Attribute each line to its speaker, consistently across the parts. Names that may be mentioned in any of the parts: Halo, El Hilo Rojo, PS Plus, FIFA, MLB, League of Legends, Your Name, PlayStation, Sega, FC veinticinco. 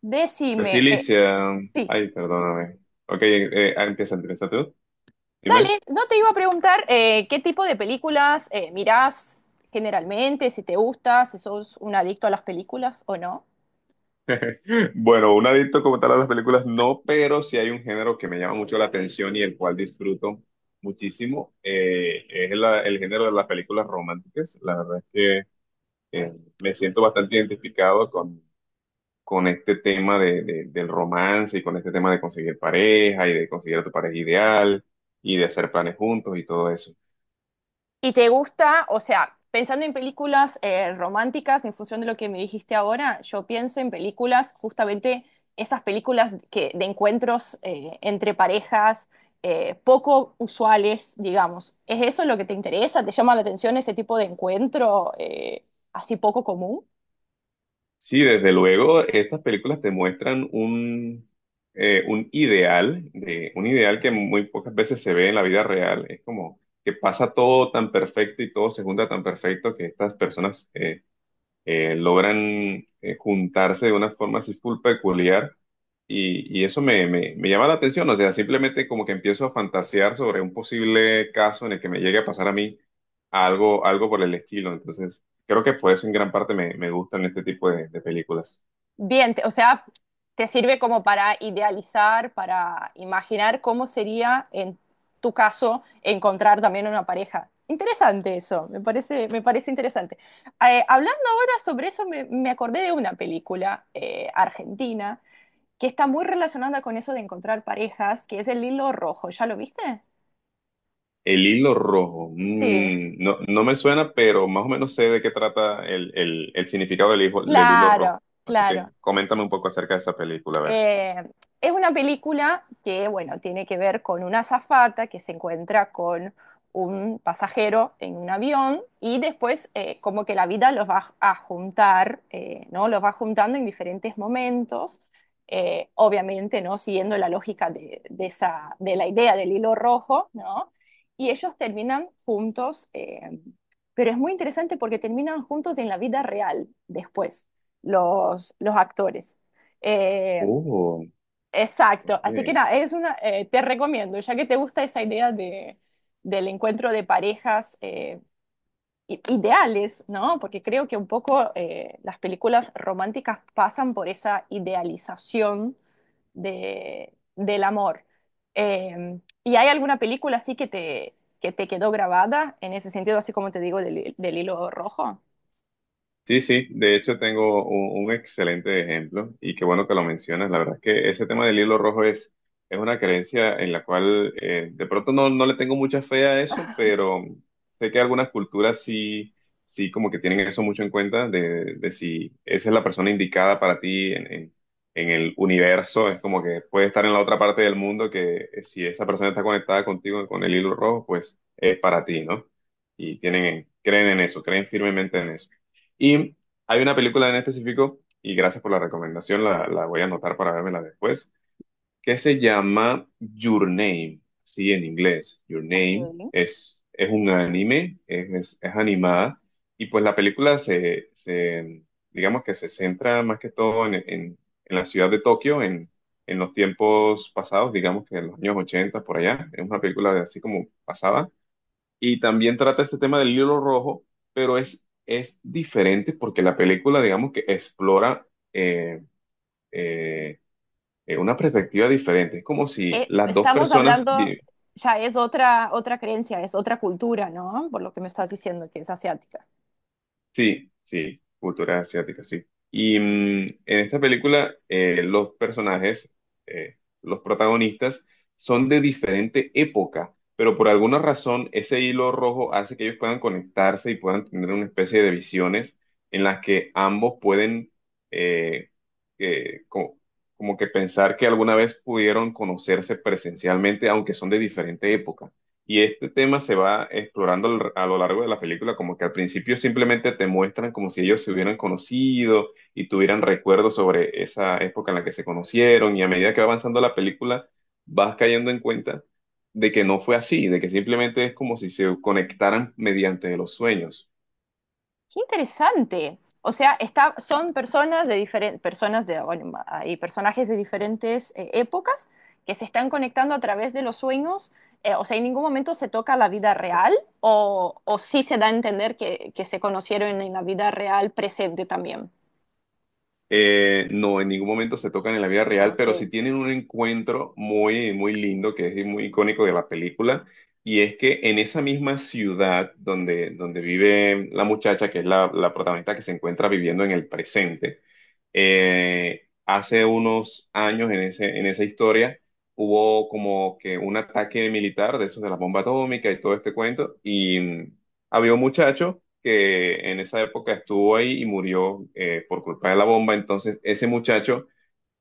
Speaker 1: Decime,
Speaker 2: Resiliencia.
Speaker 1: sí,
Speaker 2: Ay, perdóname. Ok, empieza tú. Dime.
Speaker 1: dale, no te iba a preguntar qué tipo de películas mirás generalmente, si te gusta, si sos un adicto a las películas o no.
Speaker 2: Bueno, un adicto como tal a las películas no, pero sí hay un género que me llama mucho la atención y el cual disfruto muchísimo. Es el género de las películas románticas. La verdad es que eh, me siento bastante identificado con este tema del romance y con este tema de conseguir pareja y de conseguir a tu pareja ideal y de hacer planes juntos y todo eso.
Speaker 1: Y te gusta, o sea, pensando en películas románticas, en función de lo que me dijiste ahora, yo pienso en películas, justamente esas películas que, de encuentros entre parejas, poco usuales, digamos. ¿Es eso lo que te interesa? ¿Te llama la atención ese tipo de encuentro así poco común?
Speaker 2: Sí, desde luego, estas películas te muestran un ideal, de, un ideal que muy pocas veces se ve en la vida real. Es como que pasa todo tan perfecto y todo se junta tan perfecto que estas personas logran juntarse de una forma así full peculiar y eso me llama la atención, o sea, simplemente como que empiezo a fantasear sobre un posible caso en el que me llegue a pasar a mí algo, algo por el estilo. Entonces, creo que por eso en gran parte me gustan este tipo de películas.
Speaker 1: Bien, o sea, te sirve como para idealizar, para imaginar cómo sería en tu caso encontrar también una pareja. Interesante eso, me parece interesante. Hablando ahora sobre eso, me acordé de una película argentina que está muy relacionada con eso de encontrar parejas, que es El Hilo Rojo. ¿Ya lo viste?
Speaker 2: El hilo rojo,
Speaker 1: Sí,
Speaker 2: mm, no, no me suena, pero más o menos sé de qué trata el significado del hilo rojo.
Speaker 1: claro,
Speaker 2: Así
Speaker 1: claro.
Speaker 2: que coméntame un poco acerca de esa película, a ver.
Speaker 1: Eh, es una película que, bueno, tiene que ver con una azafata que se encuentra con un pasajero en un avión y después como que la vida los va a juntar, ¿no? Los va juntando en diferentes momentos, obviamente, ¿no? Siguiendo la lógica de esa, de la idea del hilo rojo, ¿no? Y ellos terminan juntos, pero es muy interesante porque terminan juntos en la vida real después, los actores. Eh,
Speaker 2: Oh,
Speaker 1: Exacto, así que
Speaker 2: ok.
Speaker 1: nada, es una, te recomiendo, ya que te gusta esa idea de, del encuentro de parejas ideales, ¿no? Porque creo que un poco las películas románticas pasan por esa idealización de, del amor. ¿Y hay alguna película así que te quedó grabada en ese sentido, así como te digo, del, del hilo rojo?
Speaker 2: Sí, sí, de hecho tengo un excelente ejemplo y qué bueno que lo mencionas. La verdad es que ese tema del hilo rojo es una creencia en la cual de pronto no, no le tengo mucha fe a eso, pero sé que algunas culturas sí, sí como que tienen eso mucho en cuenta de si esa es la persona indicada para ti en el universo. Es como que puede estar en la otra parte del mundo que si esa persona está conectada contigo con el hilo rojo, pues es para ti, ¿no? Y tienen, creen en eso, creen firmemente en eso. Y hay una película en específico, y gracias por la recomendación, la voy a anotar para vérmela después, que se llama Your Name, sí, en inglés. Your Name
Speaker 1: Ok.
Speaker 2: es un anime, es animada, y pues la película digamos que se centra más que todo en la ciudad de Tokio, en los tiempos pasados, digamos que en los años 80 por allá. Es una película de así como pasada y también trata este tema del hilo rojo, pero es diferente porque la película, digamos que explora eh, eh, una perspectiva diferente. Es como si
Speaker 1: Eh,
Speaker 2: las dos
Speaker 1: estamos
Speaker 2: personas
Speaker 1: hablando, ya es otra, otra creencia, es otra cultura, ¿no? Por lo que me estás diciendo que es asiática.
Speaker 2: sí, sí, cultura asiática, sí. Y mm, en esta película los personajes, los protagonistas, son de diferente época, pero por alguna razón ese hilo rojo hace que ellos puedan conectarse y puedan tener una especie de visiones en las que ambos pueden eh, eh, co- como que pensar que alguna vez pudieron conocerse presencialmente, aunque son de diferente época. Y este tema se va explorando a lo largo de la película, como que al principio simplemente te muestran como si ellos se hubieran conocido y tuvieran recuerdos sobre esa época en la que se conocieron, y a medida que va avanzando la película, vas cayendo en cuenta de que no fue así, de que simplemente es como si se conectaran mediante los sueños.
Speaker 1: Qué interesante. O sea, está, son personas de diferentes, personas de, bueno, hay personajes de diferentes épocas que se están conectando a través de los sueños. Eh, o sea, en ningún momento se toca la vida real o sí se da a entender que se conocieron en la vida real presente también.
Speaker 2: No, en ningún momento se tocan en la vida real,
Speaker 1: Ok,
Speaker 2: pero sí tienen un encuentro muy, muy lindo, que es muy icónico de la película, y es que en esa misma ciudad donde, donde vive la muchacha, que es la protagonista que se encuentra viviendo en el presente, hace unos años en en esa historia hubo como que un ataque militar de esos de la bomba atómica y todo este cuento y mm, había un muchacho que en esa época estuvo ahí y murió por culpa de la bomba, entonces ese muchacho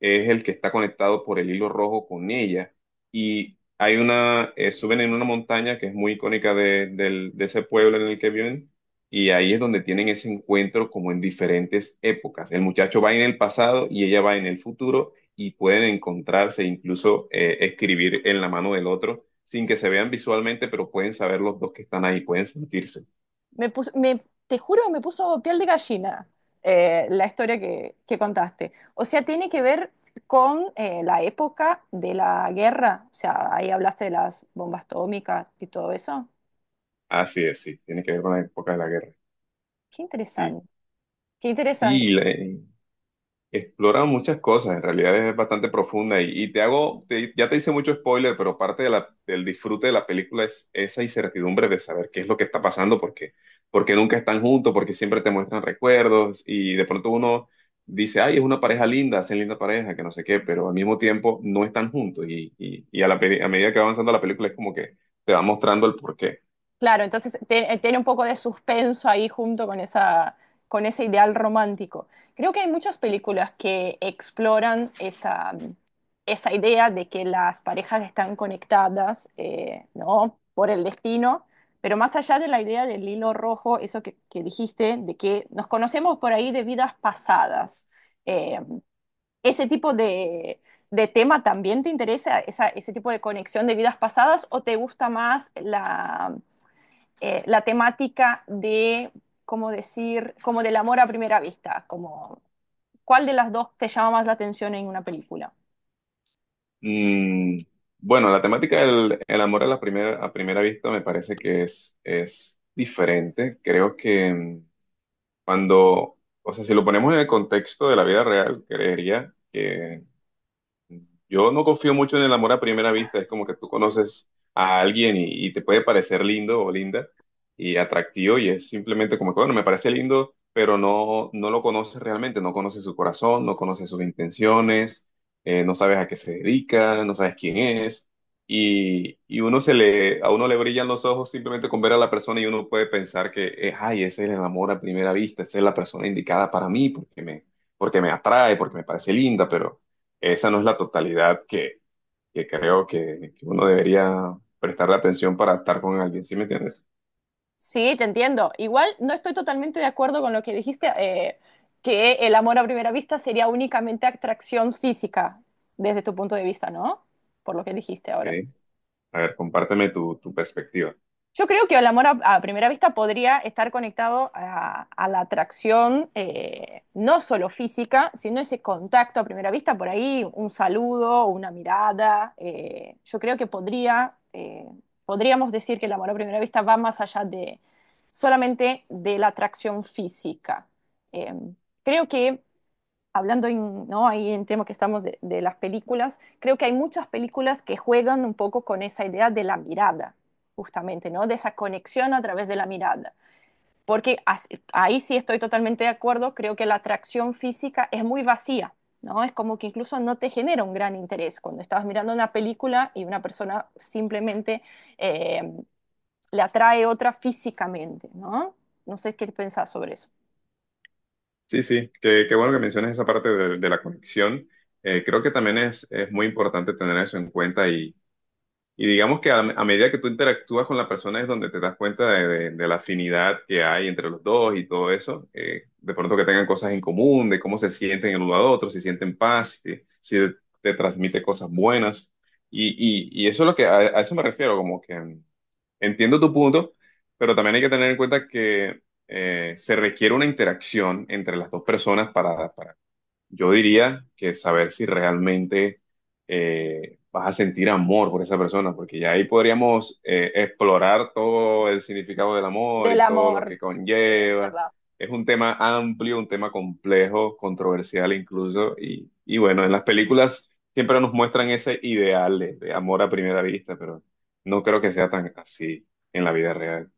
Speaker 2: es el que está conectado por el hilo rojo con ella. Y hay una, suben en una montaña que es muy icónica de ese pueblo en el que viven, y ahí es donde tienen ese encuentro como en diferentes épocas. El muchacho va en el pasado y ella va en el futuro, y pueden encontrarse, incluso escribir en la mano del otro, sin que se vean visualmente, pero pueden saber los dos que están ahí, pueden sentirse.
Speaker 1: te juro, me puso piel de gallina la historia que contaste. O sea, tiene que ver con la época de la guerra. O sea, ahí hablaste de las bombas atómicas y todo eso.
Speaker 2: Así es, sí, tiene que ver con la época de la guerra.
Speaker 1: Qué
Speaker 2: Sí,
Speaker 1: interesante. Qué interesante.
Speaker 2: sí, explora muchas cosas, en realidad es bastante profunda y te hago, ya te hice mucho spoiler, pero parte de del disfrute de la película es esa incertidumbre de saber qué es lo que está pasando, porque, porque nunca están juntos, porque siempre te muestran recuerdos y de pronto uno dice, ay, es una pareja linda, hacen linda pareja, que no sé qué, pero al mismo tiempo no están juntos y a a medida que va avanzando la película es como que te va mostrando el porqué.
Speaker 1: Claro, entonces tiene un poco de suspenso ahí junto con esa, con ese ideal romántico. Creo que hay muchas películas que exploran esa, esa idea de que las parejas están conectadas, ¿no? Por el destino, pero más allá de la idea del hilo rojo, eso que dijiste, de que nos conocemos por ahí de vidas pasadas. Eh, ¿Ese tipo de tema también te interesa, ese tipo de conexión de vidas pasadas, o te gusta más la la temática de, como decir, como del amor a primera vista, como cuál de las dos te llama más la atención en una película.
Speaker 2: Mm, bueno, la temática del el amor a la primera, a primera vista me parece que es diferente. Creo que mm, cuando, o sea, si lo ponemos en el contexto de la vida real, creería que yo no confío mucho en el amor a primera vista, es como que tú conoces a alguien y te puede parecer lindo o linda y atractivo y es simplemente como que, bueno, me parece lindo, pero no, no lo conoces realmente, no conoces su corazón, no conoces sus intenciones, no sabes a qué se dedica, no sabes quién es y uno a uno le brillan los ojos simplemente con ver a la persona y uno puede pensar que, ay, ese es el amor a primera vista, esa es la persona indicada para mí porque porque me atrae, porque me parece linda, pero esa no es la totalidad que creo que uno debería prestarle atención para estar con alguien, ¿sí me entiendes?
Speaker 1: Sí, te entiendo. Igual no estoy totalmente de acuerdo con lo que dijiste, que el amor a primera vista sería únicamente atracción física, desde tu punto de vista, ¿no? Por lo que dijiste
Speaker 2: Ok.
Speaker 1: ahora.
Speaker 2: A ver, compárteme tu, tu perspectiva.
Speaker 1: Yo creo que el amor a primera vista podría estar conectado a la atracción, no solo física, sino ese contacto a primera vista, por ahí un saludo, una mirada. Eh, yo creo que podría, podríamos decir que el amor a primera vista va más allá de solamente de la atracción física. Eh, creo que hablando en, ¿no? Ahí en tema que estamos las películas, creo que hay muchas películas que juegan un poco con esa idea de la mirada, justamente, ¿no? De esa conexión a través de la mirada. Porque así, ahí sí estoy totalmente de acuerdo, creo que la atracción física es muy vacía, ¿no? Es como que incluso no te genera un gran interés cuando estás mirando una película y una persona simplemente eh, le atrae otra físicamente, ¿no? No sé qué pensás sobre eso.
Speaker 2: Sí, sí, qué, qué bueno que menciones esa parte de la conexión. Creo que también es muy importante tener eso en cuenta. Y digamos que a medida que tú interactúas con la persona es donde te das cuenta de la afinidad que hay entre los dos y todo eso. De pronto que tengan cosas en común, de cómo se sienten el uno al otro, si sienten paz, si, si te transmite cosas buenas. Y, y eso es lo que, a eso me refiero, como que mm, entiendo tu punto, pero también hay que tener en cuenta que se requiere una interacción entre las dos personas para yo diría que saber si realmente vas a sentir amor por esa persona, porque ya ahí podríamos explorar todo el significado del amor
Speaker 1: Del
Speaker 2: y todo lo
Speaker 1: amor,
Speaker 2: que
Speaker 1: en
Speaker 2: conlleva.
Speaker 1: verdad.
Speaker 2: Es un tema amplio, un tema complejo, controversial incluso, y bueno, en las películas siempre nos muestran ese ideal de amor a primera vista, pero no creo que sea tan así en la vida real.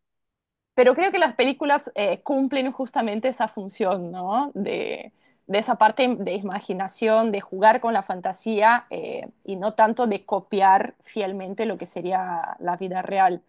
Speaker 1: Pero creo que las películas cumplen justamente esa función, ¿no? De esa parte de imaginación, de jugar con la fantasía y no tanto de copiar fielmente lo que sería la vida real.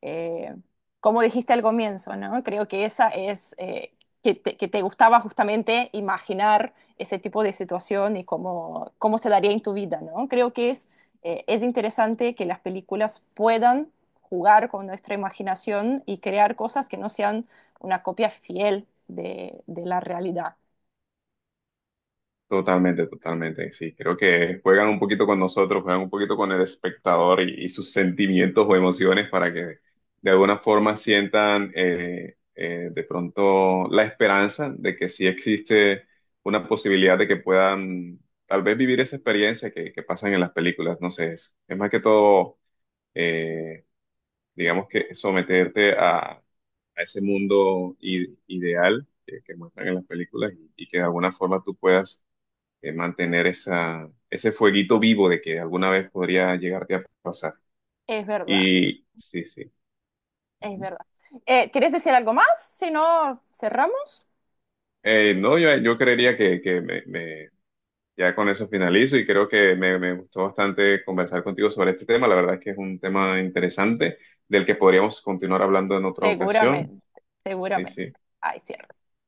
Speaker 1: Eh, como dijiste al comienzo, ¿no? Creo que esa es que te gustaba justamente imaginar ese tipo de situación y cómo, cómo se daría en tu vida, ¿no? Creo que es interesante que las películas puedan jugar con nuestra imaginación y crear cosas que no sean una copia fiel de la realidad.
Speaker 2: Totalmente, totalmente, sí, creo que juegan un poquito con nosotros, juegan un poquito con el espectador y sus sentimientos o emociones para que de alguna forma sientan de pronto la esperanza de que sí existe una posibilidad de que puedan tal vez vivir esa experiencia que pasan en las películas, no sé, es más que todo, eh, digamos que someterte a ese mundo ideal que muestran en las películas y que de alguna forma tú puedas mantener esa, ese fueguito vivo de que alguna vez podría llegarte a pasar.
Speaker 1: Es verdad,
Speaker 2: Y sí, sí.
Speaker 1: es
Speaker 2: Ujú.
Speaker 1: verdad. ¿Quieres decir algo más? Si no, cerramos.
Speaker 2: No, yo, yo creería que me, ya con eso finalizo y creo que me gustó bastante conversar contigo sobre este tema. La verdad es que es un tema interesante del que podríamos continuar hablando en otra ocasión.
Speaker 1: Seguramente,
Speaker 2: Sí,
Speaker 1: seguramente.
Speaker 2: sí.
Speaker 1: Ay, cierro.